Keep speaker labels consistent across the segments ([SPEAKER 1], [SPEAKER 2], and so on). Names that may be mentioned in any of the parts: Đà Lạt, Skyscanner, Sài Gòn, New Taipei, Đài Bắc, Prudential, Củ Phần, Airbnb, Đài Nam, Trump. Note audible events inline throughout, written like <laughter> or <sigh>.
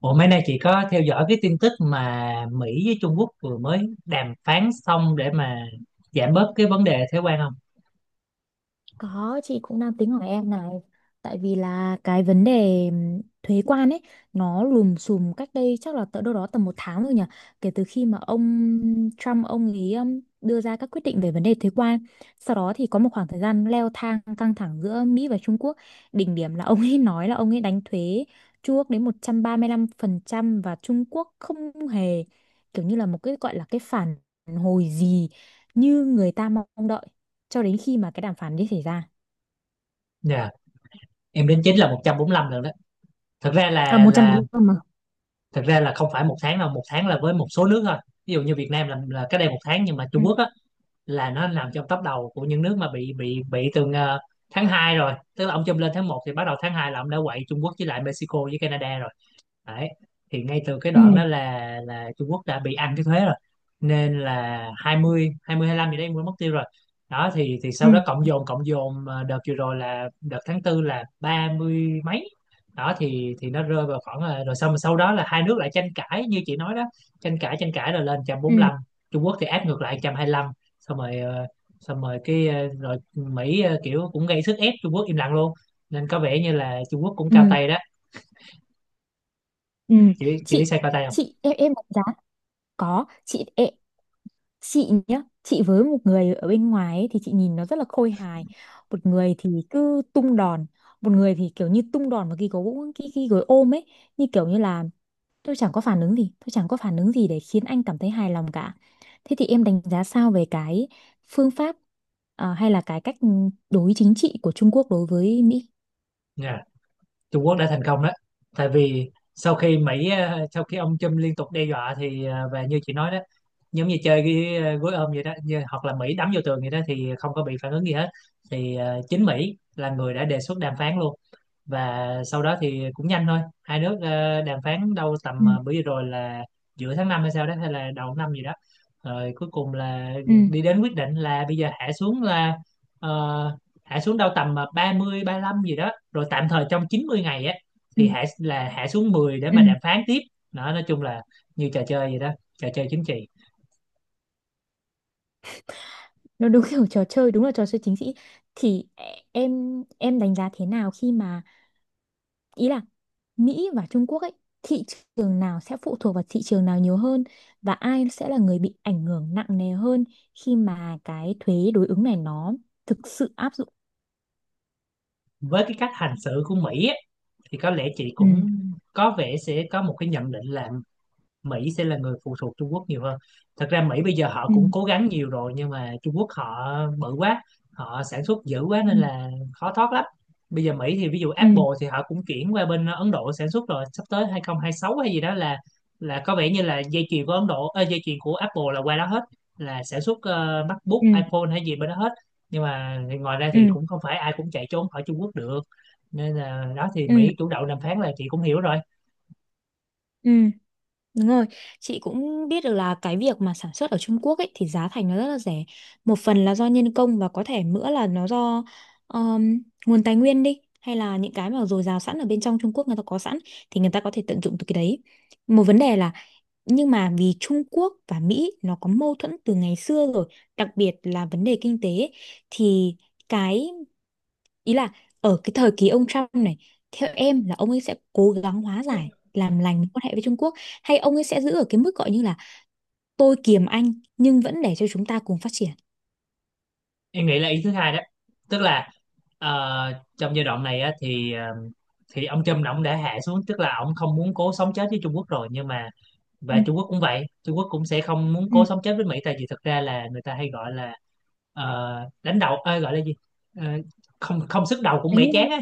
[SPEAKER 1] Ủa mấy nay chị có theo dõi cái tin tức mà Mỹ với Trung Quốc vừa mới đàm phán xong để mà giảm bớt cái vấn đề thuế quan không?
[SPEAKER 2] Có, chị cũng đang tính hỏi em này. Tại vì là cái vấn đề thuế quan ấy, nó lùm xùm cách đây chắc là tận đâu đó tầm một tháng rồi nhỉ. Kể từ khi mà ông Trump, ông ấy đưa ra các quyết định về vấn đề thuế quan. Sau đó thì có một khoảng thời gian leo thang căng thẳng giữa Mỹ và Trung Quốc. Đỉnh điểm là ông ấy <laughs> nói là ông ấy đánh thuế Trung Quốc đến 135%, và Trung Quốc không hề kiểu như là một cái gọi là cái phản hồi gì như người ta mong đợi cho đến khi mà cái đàm phán đấy xảy ra.
[SPEAKER 1] Dạ, em đến chính là 145 lần đó. Thật ra
[SPEAKER 2] À,
[SPEAKER 1] là là
[SPEAKER 2] 145 mà.
[SPEAKER 1] thật ra là không phải một tháng đâu, một tháng là với một số nước thôi. Ví dụ như Việt Nam là cái đây một tháng, nhưng mà
[SPEAKER 2] Ừ.
[SPEAKER 1] Trung Quốc á là nó nằm trong top đầu của những nước mà bị từ tháng 2 rồi. Tức là ông Trump lên tháng một thì bắt đầu tháng 2 là ông đã quậy Trung Quốc với lại Mexico với Canada rồi. Đấy. Thì ngay từ cái
[SPEAKER 2] Ừ.
[SPEAKER 1] đoạn đó là Trung Quốc đã bị ăn cái thuế rồi, nên là 20 20 lăm gì đấy em quên mất tiêu rồi. Đó thì
[SPEAKER 2] Ừ.
[SPEAKER 1] sau đó cộng dồn cộng dồn, mà đợt vừa rồi là đợt tháng tư là 30 mấy đó, thì nó rơi vào rồi xong sau đó là hai nước lại tranh cãi như chị nói đó, tranh cãi rồi lên một trăm bốn
[SPEAKER 2] Ừ.
[SPEAKER 1] mươi lăm Trung Quốc thì áp ngược lại 125. Xong rồi xong rồi rồi Mỹ kiểu cũng gây sức ép, Trung Quốc im lặng luôn, nên có vẻ như là Trung Quốc cũng cao
[SPEAKER 2] Ừ.
[SPEAKER 1] tay đó.
[SPEAKER 2] Ừ.
[SPEAKER 1] Chị biết
[SPEAKER 2] Chị
[SPEAKER 1] sao cao tay
[SPEAKER 2] chị em đánh giá, có chị e- chị nhá, chị với một người ở bên ngoài ấy, thì chị nhìn nó rất là khôi hài. Một người thì cứ tung đòn, một người thì kiểu như tung đòn và ghi gối ghi gối ôm ấy, như kiểu như là tôi chẳng có phản ứng gì, tôi chẳng có phản ứng gì để khiến anh cảm thấy hài lòng cả. Thế thì em đánh giá sao về cái phương pháp, à, hay là cái cách đối chính trị của Trung Quốc đối với Mỹ?
[SPEAKER 1] không? Trung Quốc đã thành công đó, tại vì sau khi Mỹ sau khi ông Trump liên tục đe dọa thì và như chị nói đó, giống như chơi cái gối ôm vậy đó, như hoặc là Mỹ đấm vô tường vậy đó thì không có bị phản ứng gì hết. Thì chính Mỹ là người đã đề xuất đàm phán luôn. Và sau đó thì cũng nhanh thôi, hai nước đàm phán đâu tầm
[SPEAKER 2] Ừ.
[SPEAKER 1] bữa giờ rồi là giữa tháng 5 hay sao đó, hay là đầu năm gì đó. Rồi cuối cùng là
[SPEAKER 2] Ừ.
[SPEAKER 1] đi đến quyết định là bây giờ hạ xuống là ờ, hạ xuống đâu tầm 30 lăm gì đó, rồi tạm thời trong 90 ngày á
[SPEAKER 2] Ừ,
[SPEAKER 1] thì hạ là hạ xuống 10 để
[SPEAKER 2] ừ.
[SPEAKER 1] mà đàm phán tiếp. Đó, nói chung là như trò chơi vậy đó, trò chơi chính trị.
[SPEAKER 2] Nó đúng kiểu trò chơi, đúng là trò chơi chính trị. Thì e, em đánh giá thế nào khi mà, ý là Mỹ và Trung Quốc ấy, thị trường nào sẽ phụ thuộc vào thị trường nào nhiều hơn, và ai sẽ là người bị ảnh hưởng nặng nề hơn khi mà cái thuế đối ứng này nó thực sự áp dụng?
[SPEAKER 1] Với cái cách hành xử của Mỹ á, thì có lẽ chị
[SPEAKER 2] Ừ.
[SPEAKER 1] cũng có vẻ sẽ có một cái nhận định là Mỹ sẽ là người phụ thuộc Trung Quốc nhiều hơn. Thật ra Mỹ bây giờ họ
[SPEAKER 2] Ừ.
[SPEAKER 1] cũng cố gắng nhiều rồi, nhưng mà Trung Quốc họ bự quá, họ sản xuất dữ quá
[SPEAKER 2] Ừ.
[SPEAKER 1] nên là khó thoát lắm. Bây giờ Mỹ thì ví dụ
[SPEAKER 2] Ừ.
[SPEAKER 1] Apple thì họ cũng chuyển qua bên Ấn Độ sản xuất rồi, sắp tới 2026 hay gì đó là có vẻ như là dây chuyền của Ấn Độ, dây chuyền của Apple là qua đó hết, là sản xuất MacBook,
[SPEAKER 2] Ừ.
[SPEAKER 1] iPhone hay gì bên đó hết. Nhưng mà ngoài ra
[SPEAKER 2] Ừ.
[SPEAKER 1] thì cũng không phải ai cũng chạy trốn khỏi Trung Quốc được. Nên là đó thì
[SPEAKER 2] Ừ.
[SPEAKER 1] Mỹ chủ động đàm phán là chị cũng hiểu rồi.
[SPEAKER 2] Ừ. Đúng rồi, chị cũng biết được là cái việc mà sản xuất ở Trung Quốc ấy thì giá thành nó rất là rẻ. Một phần là do nhân công và có thể nữa là nó do um, nguồn tài nguyên đi hay là những cái mà dồi dào sẵn ở bên trong Trung Quốc người ta có sẵn, thì người ta có thể tận dụng từ cái đấy. Một vấn đề là, nhưng mà vì Trung Quốc và Mỹ nó có mâu thuẫn từ ngày xưa rồi, đặc biệt là vấn đề kinh tế ấy, thì cái, ý là ở cái thời kỳ ông Trump này, theo em là ông ấy sẽ cố gắng hóa giải làm lành mối quan hệ với Trung Quốc, hay ông ấy sẽ giữ ở cái mức gọi như là tôi kiềm anh nhưng vẫn để cho chúng ta cùng phát triển?
[SPEAKER 1] Em nghĩ là ý thứ hai đó. Tức là ờ, trong giai đoạn này á, thì thì ông Trump là ông đã hạ xuống, tức là ông không muốn cố sống chết với Trung Quốc rồi, nhưng mà
[SPEAKER 2] Ừ.
[SPEAKER 1] và Trung Quốc cũng vậy, Trung Quốc cũng sẽ không muốn
[SPEAKER 2] Ừ.
[SPEAKER 1] cố sống chết với Mỹ, tại vì thực ra là người ta hay gọi là đánh đầu ơi gọi là gì. Ờ, không không sức đầu cũng
[SPEAKER 2] Đánh
[SPEAKER 1] Mỹ
[SPEAKER 2] nhau.
[SPEAKER 1] chán á.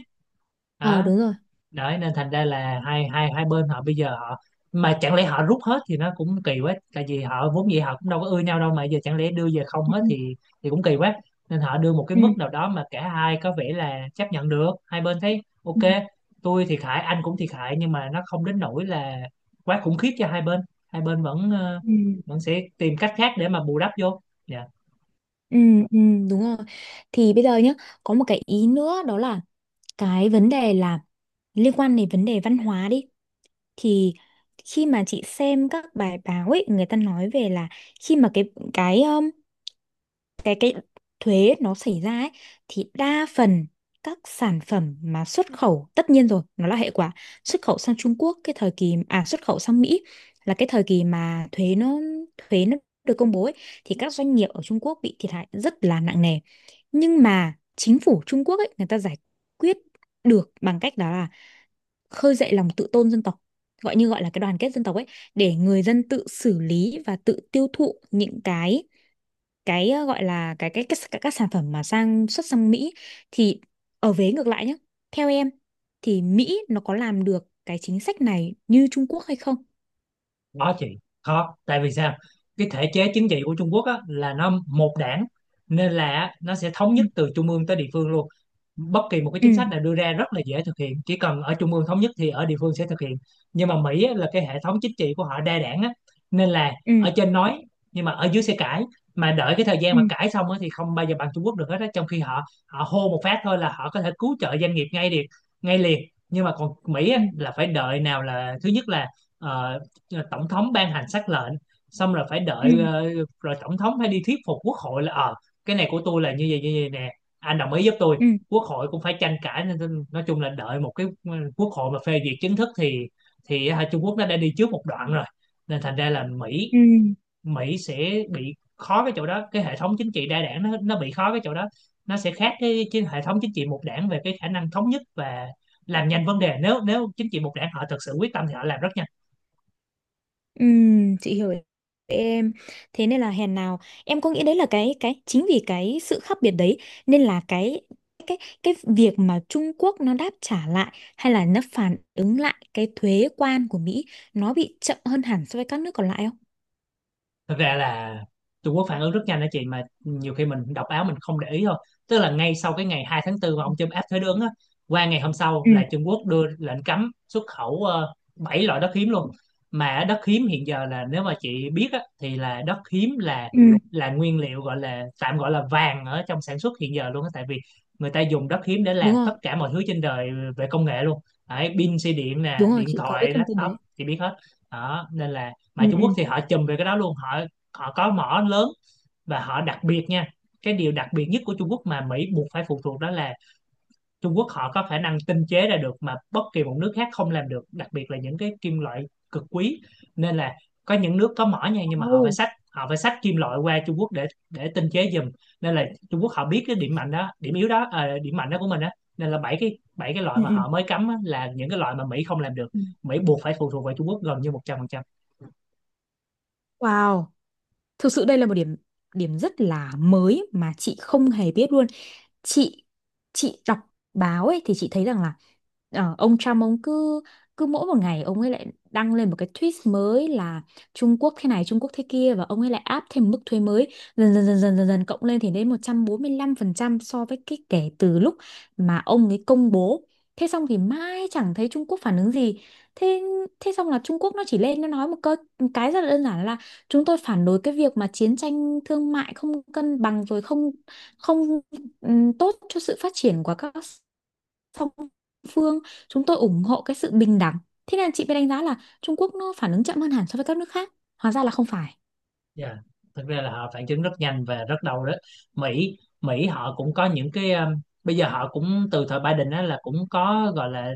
[SPEAKER 2] Ờ,
[SPEAKER 1] Đó.
[SPEAKER 2] đúng rồi.
[SPEAKER 1] Đấy nên thành ra là hai hai hai bên họ bây giờ họ, mà chẳng lẽ họ rút hết thì nó cũng kỳ quá, tại vì họ vốn dĩ họ cũng đâu có ưa nhau đâu, mà giờ chẳng lẽ đưa về không hết
[SPEAKER 2] Ừ.
[SPEAKER 1] thì cũng kỳ quá, nên họ đưa một cái
[SPEAKER 2] Ừ.
[SPEAKER 1] mức nào đó mà cả hai có vẻ là chấp nhận được, hai bên thấy
[SPEAKER 2] Ừ.
[SPEAKER 1] ok. Tôi thiệt hại anh cũng thiệt hại, nhưng mà nó không đến nỗi là quá khủng khiếp cho hai bên. Hai bên vẫn
[SPEAKER 2] Ừ.
[SPEAKER 1] vẫn sẽ tìm cách khác để mà bù đắp vô. Dạ.
[SPEAKER 2] Ừ, ừ, đúng rồi. Thì bây giờ nhé, có một cái ý nữa đó là cái vấn đề là liên quan đến vấn đề văn hóa đi. Thì khi mà chị xem các bài báo ấy, người ta nói về là khi mà cái cái thuế nó xảy ra ấy, thì đa phần các sản phẩm mà xuất khẩu, tất nhiên rồi nó là hệ quả, xuất khẩu sang Trung Quốc cái thời kỳ, à, xuất khẩu sang Mỹ là cái thời kỳ mà thuế nó được công bố ấy, thì các doanh nghiệp ở Trung Quốc bị thiệt hại rất là nặng nề, nhưng mà chính phủ Trung Quốc ấy người ta giải quyết được bằng cách đó là khơi dậy lòng tự tôn dân tộc, gọi là cái đoàn kết dân tộc ấy, để người dân tự xử lý và tự tiêu thụ những cái gọi là cái các sản phẩm mà sang xuất sang Mỹ. Thì ở vế ngược lại nhé, theo em thì Mỹ nó có làm được cái chính sách này như Trung Quốc hay không?
[SPEAKER 1] Khó chị, khó. Tại vì sao? Cái thể chế chính trị của Trung Quốc á, là nó một đảng, nên là á, nó sẽ thống
[SPEAKER 2] Ừ,
[SPEAKER 1] nhất từ trung ương tới địa phương luôn. Bất kỳ một cái chính
[SPEAKER 2] ừ,
[SPEAKER 1] sách nào đưa ra rất là dễ thực hiện, chỉ cần ở trung ương thống nhất thì ở địa phương sẽ thực hiện. Nhưng mà Mỹ á, là cái hệ thống chính trị của họ đa đảng á, nên là
[SPEAKER 2] ừ,
[SPEAKER 1] ở trên nói nhưng mà ở dưới sẽ cãi. Mà đợi cái thời gian
[SPEAKER 2] ừ,
[SPEAKER 1] mà cãi xong á, thì không bao giờ bằng Trung Quốc được hết á. Trong khi họ họ hô một phát thôi là họ có thể cứu trợ doanh nghiệp ngay liền, ngay liền. Nhưng mà còn Mỹ
[SPEAKER 2] ừ,
[SPEAKER 1] á, là phải đợi, nào là thứ nhất là ờ, tổng thống ban hành sắc lệnh, xong rồi phải
[SPEAKER 2] ừ,
[SPEAKER 1] đợi rồi tổng thống phải đi thuyết phục quốc hội là cái này của tôi là như vậy nè, anh đồng ý giúp tôi. Quốc hội cũng phải tranh cãi, nên nên nói chung là đợi một cái quốc hội mà phê duyệt chính thức thì Trung Quốc nó đã đi trước một đoạn rồi. Nên thành ra là Mỹ
[SPEAKER 2] ừ.
[SPEAKER 1] Mỹ sẽ bị khó cái chỗ đó. Cái hệ thống chính trị đa đảng nó bị khó cái chỗ đó. Nó sẽ khác cái hệ thống chính trị một đảng về cái khả năng thống nhất và làm nhanh vấn đề. Nếu nếu chính trị một đảng họ thực sự quyết tâm thì họ làm rất nhanh.
[SPEAKER 2] Chị hiểu em. Thế nên là hèn nào, em có nghĩ đấy là cái chính vì cái sự khác biệt đấy, nên là cái cái việc mà Trung Quốc nó đáp trả lại hay là nó phản ứng lại cái thuế quan của Mỹ nó bị chậm hơn hẳn so với các nước còn lại không?
[SPEAKER 1] Thật ra là Trung Quốc phản ứng rất nhanh đó chị, mà nhiều khi mình đọc báo mình không để ý thôi. Tức là ngay sau cái ngày 2 tháng 4 mà ông Trump áp thuế đứng á, qua ngày hôm sau
[SPEAKER 2] Ừ,
[SPEAKER 1] là Trung Quốc đưa lệnh cấm xuất khẩu 7 loại đất hiếm luôn. Mà đất hiếm hiện giờ, là nếu mà chị biết á, thì là đất hiếm là
[SPEAKER 2] ừ,
[SPEAKER 1] là nguyên liệu, gọi là tạm gọi là vàng ở trong sản xuất hiện giờ luôn á, tại vì người ta dùng đất hiếm để
[SPEAKER 2] đúng
[SPEAKER 1] làm
[SPEAKER 2] rồi,
[SPEAKER 1] tất cả mọi thứ trên đời về công nghệ luôn. Đấy, pin xe điện nè,
[SPEAKER 2] đúng rồi,
[SPEAKER 1] điện
[SPEAKER 2] chị có biết
[SPEAKER 1] thoại,
[SPEAKER 2] thông tin
[SPEAKER 1] laptop,
[SPEAKER 2] đấy.
[SPEAKER 1] chị biết hết đó. Nên là mà
[SPEAKER 2] Ừ,
[SPEAKER 1] Trung
[SPEAKER 2] ừ.
[SPEAKER 1] Quốc thì họ chùm về cái đó luôn, họ họ có mỏ lớn, và họ đặc biệt nha. Cái điều đặc biệt nhất của Trung Quốc mà Mỹ buộc phải phụ thuộc đó là Trung Quốc họ có khả năng tinh chế ra được mà bất kỳ một nước khác không làm được, đặc biệt là những cái kim loại cực quý. Nên là có những nước có mỏ nha, nhưng mà
[SPEAKER 2] Wow.
[SPEAKER 1] họ phải xách kim loại qua Trung Quốc để tinh chế giùm. Nên là Trung Quốc họ biết cái điểm mạnh đó, điểm yếu đó, à, điểm mạnh đó của mình á. Nên là 7 cái loại
[SPEAKER 2] Ừ,
[SPEAKER 1] mà họ mới cấm á, là những cái loại mà Mỹ không làm được.
[SPEAKER 2] ừ.
[SPEAKER 1] Mỹ buộc phải phụ thuộc vào Trung Quốc gần như 100%.
[SPEAKER 2] Wow. Thực sự đây là một điểm điểm rất là mới mà chị không hề biết luôn. Chị chị đọc báo ấy thì chị thấy rằng là ông Trump ông cứ cứ mỗi một ngày ông ấy lại đăng lên một cái tweet mới là Trung Quốc thế này, Trung Quốc thế kia, và ông ấy lại áp thêm mức thuế mới dần dần dần dần dần, dần cộng lên thì đến 145% so với cái kể từ lúc mà ông ấy công bố. Thế xong thì mãi chẳng thấy Trung Quốc phản ứng gì. Thế thế xong là Trung Quốc nó chỉ lên nó nói một câu, một cái rất là đơn giản là chúng tôi phản đối cái việc mà chiến tranh thương mại không cân bằng, rồi không không tốt cho sự phát triển của các song phương, chúng tôi ủng hộ cái sự bình đẳng. Thế nên chị mới đánh giá là Trung Quốc nó phản ứng chậm hơn hẳn so với các nước khác, hóa ra là không phải.
[SPEAKER 1] Dạ, thực ra là họ phản ứng rất nhanh và rất đau đó. Mỹ Mỹ họ cũng có những cái bây giờ họ cũng từ thời Biden á là cũng có, gọi là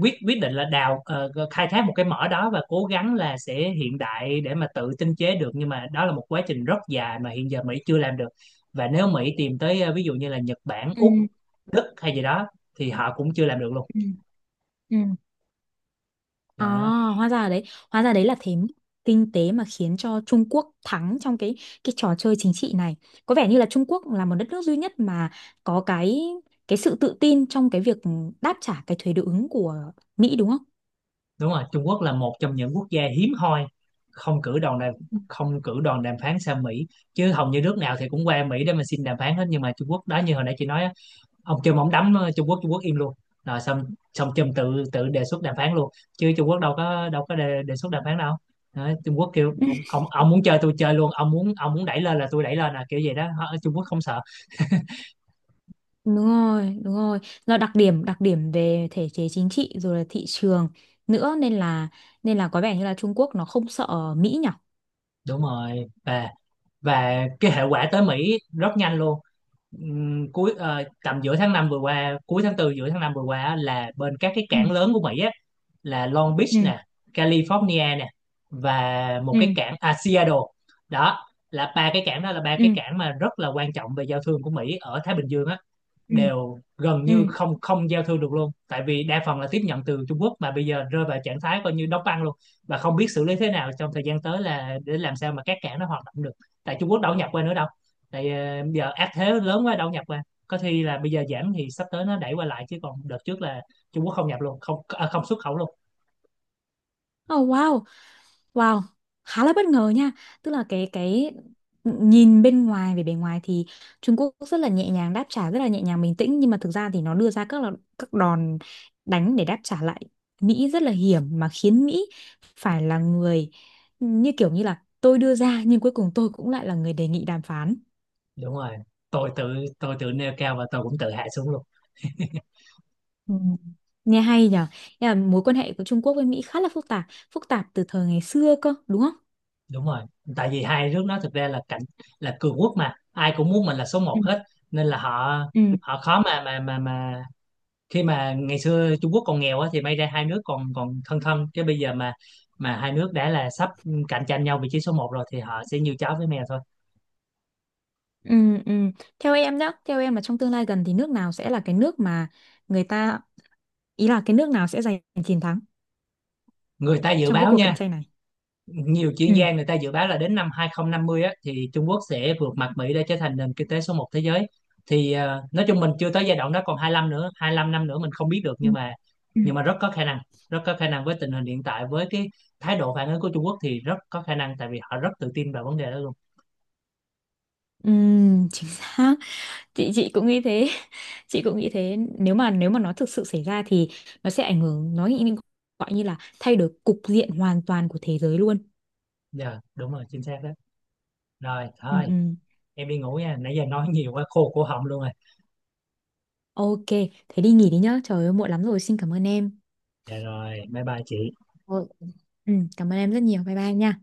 [SPEAKER 1] quyết quyết định là đào khai thác một cái mỏ đó, và cố gắng là sẽ hiện đại để mà tự tinh chế được, nhưng mà đó là một quá trình rất dài mà hiện giờ Mỹ chưa làm được. Và nếu Mỹ tìm tới ví dụ như là Nhật Bản,
[SPEAKER 2] Ừ,
[SPEAKER 1] Úc, Đức hay gì đó, thì họ cũng chưa làm được luôn.
[SPEAKER 2] ừ, ừ. À,
[SPEAKER 1] Đó.
[SPEAKER 2] hóa ra đấy, hóa ra đấy là thế mức kinh tế mà khiến cho Trung Quốc thắng trong cái trò chơi chính trị này. Có vẻ như là Trung Quốc là một đất nước duy nhất mà có cái sự tự tin trong cái việc đáp trả cái thuế đối ứng của Mỹ đúng không?
[SPEAKER 1] Đúng rồi, Trung Quốc là một trong những quốc gia hiếm hoi không cử đoàn đàm không cử đoàn đàm phán sang Mỹ, chứ hầu như nước nào thì cũng qua Mỹ để mà xin đàm phán hết. Nhưng mà Trung Quốc đó, như hồi nãy chị nói á, ông Trump ông đấm Trung Quốc, im luôn rồi xong. Trump tự tự đề xuất đàm phán luôn, chứ Trung Quốc đâu có đề xuất đàm phán đâu. Đó, Trung Quốc kêu
[SPEAKER 2] Ừ. Ừ,
[SPEAKER 1] ông muốn chơi tôi chơi luôn, ông muốn đẩy lên là tôi đẩy lên, là kiểu vậy đó. Trung Quốc không sợ.
[SPEAKER 2] đúng rồi, đúng rồi. Do đặc điểm về thể chế chính trị rồi là thị trường nữa, nên là có vẻ như là Trung Quốc nó không sợ Mỹ nhỉ?
[SPEAKER 1] Đúng rồi, và cái hệ quả tới Mỹ rất nhanh luôn. Cuối tầm giữa tháng 5 vừa qua, cuối tháng tư giữa tháng 5 vừa qua á, là bên các cái
[SPEAKER 2] Ừ.
[SPEAKER 1] cảng lớn của Mỹ á, là Long Beach
[SPEAKER 2] Ừ.
[SPEAKER 1] nè, California nè, và một
[SPEAKER 2] Ừ.
[SPEAKER 1] cái cảng, à, Seattle. đó đó là ba cái
[SPEAKER 2] Ừ.
[SPEAKER 1] cảng mà rất là quan trọng về giao thương của Mỹ ở Thái Bình Dương á,
[SPEAKER 2] Ừ.
[SPEAKER 1] đều gần
[SPEAKER 2] Ừ.
[SPEAKER 1] như không không giao thương được luôn, tại vì đa phần là tiếp nhận từ Trung Quốc, mà bây giờ rơi vào trạng thái coi như đóng băng luôn, và không biết xử lý thế nào trong thời gian tới là để làm sao mà các cảng nó hoạt động được. Tại Trung Quốc đâu nhập qua nữa đâu. Tại bây giờ áp thế lớn quá đâu nhập qua, có khi là bây giờ giảm thì sắp tới nó đẩy qua lại, chứ còn đợt trước là Trung Quốc không nhập luôn, không à, không xuất khẩu luôn.
[SPEAKER 2] Oh wow. Wow, khá là bất ngờ nha. Tức là cái nhìn bên ngoài về bề ngoài thì Trung Quốc rất là nhẹ nhàng đáp trả, rất là nhẹ nhàng bình tĩnh, nhưng mà thực ra thì nó đưa ra các là các đòn đánh để đáp trả lại Mỹ rất là hiểm, mà khiến Mỹ phải là người, như kiểu như là tôi đưa ra nhưng cuối cùng tôi cũng lại là người đề nghị đàm phán.
[SPEAKER 1] Đúng rồi, tôi tự nêu cao và tôi cũng tự hạ xuống luôn.
[SPEAKER 2] Ừ. Nghe hay nhở? Nghĩa là mối quan hệ của Trung Quốc với Mỹ khá là phức tạp từ thời ngày xưa cơ, đúng không?
[SPEAKER 1] Đúng rồi, tại vì hai nước nó thực ra là là cường quốc mà ai cũng muốn mình là số một
[SPEAKER 2] Ừ.
[SPEAKER 1] hết, nên là họ
[SPEAKER 2] Ừ.
[SPEAKER 1] họ khó mà khi mà ngày xưa Trung Quốc còn nghèo á thì may ra hai nước còn còn thân thân, chứ bây giờ mà hai nước đã là sắp cạnh tranh nhau vị trí số một rồi thì họ sẽ như chó với mèo thôi.
[SPEAKER 2] Ừ, ừ. Theo em nhá, theo em là trong tương lai gần thì nước nào sẽ là cái nước mà người ta, ý là cái nước nào sẽ giành chiến thắng
[SPEAKER 1] Người ta dự
[SPEAKER 2] trong cái
[SPEAKER 1] báo
[SPEAKER 2] cuộc cạnh
[SPEAKER 1] nha,
[SPEAKER 2] tranh này?
[SPEAKER 1] nhiều
[SPEAKER 2] Ừ.
[SPEAKER 1] chuyên gia người ta dự báo là đến năm 2050 á, thì Trung Quốc sẽ vượt mặt Mỹ để trở thành nền kinh tế số một thế giới. Thì nói chung mình chưa tới giai đoạn đó, còn 25 năm nữa mình không biết được,
[SPEAKER 2] Ừ.
[SPEAKER 1] nhưng mà
[SPEAKER 2] Ừ.
[SPEAKER 1] rất có khả năng, rất có khả năng với tình hình hiện tại, với cái thái độ phản ứng của Trung Quốc thì rất có khả năng, tại vì họ rất tự tin vào vấn đề đó luôn.
[SPEAKER 2] Ừ, chính xác. Chị cũng nghĩ thế. <laughs> Chị cũng nghĩ thế. Nếu mà, nó thực sự xảy ra thì nó sẽ ảnh hưởng, gọi như là thay đổi cục diện hoàn toàn của thế giới luôn.
[SPEAKER 1] Dạ đúng rồi, chính xác đó. Rồi
[SPEAKER 2] Ừ,
[SPEAKER 1] thôi,
[SPEAKER 2] ừ.
[SPEAKER 1] em đi ngủ nha, nãy giờ nói nhiều quá khô cổ họng luôn rồi.
[SPEAKER 2] Ok, thế đi nghỉ đi nhá. Trời ơi muộn lắm rồi. Xin cảm ơn em.
[SPEAKER 1] Dạ rồi, bye bye chị.
[SPEAKER 2] Rồi. Ừ, cảm ơn em rất nhiều. Bye bye nha.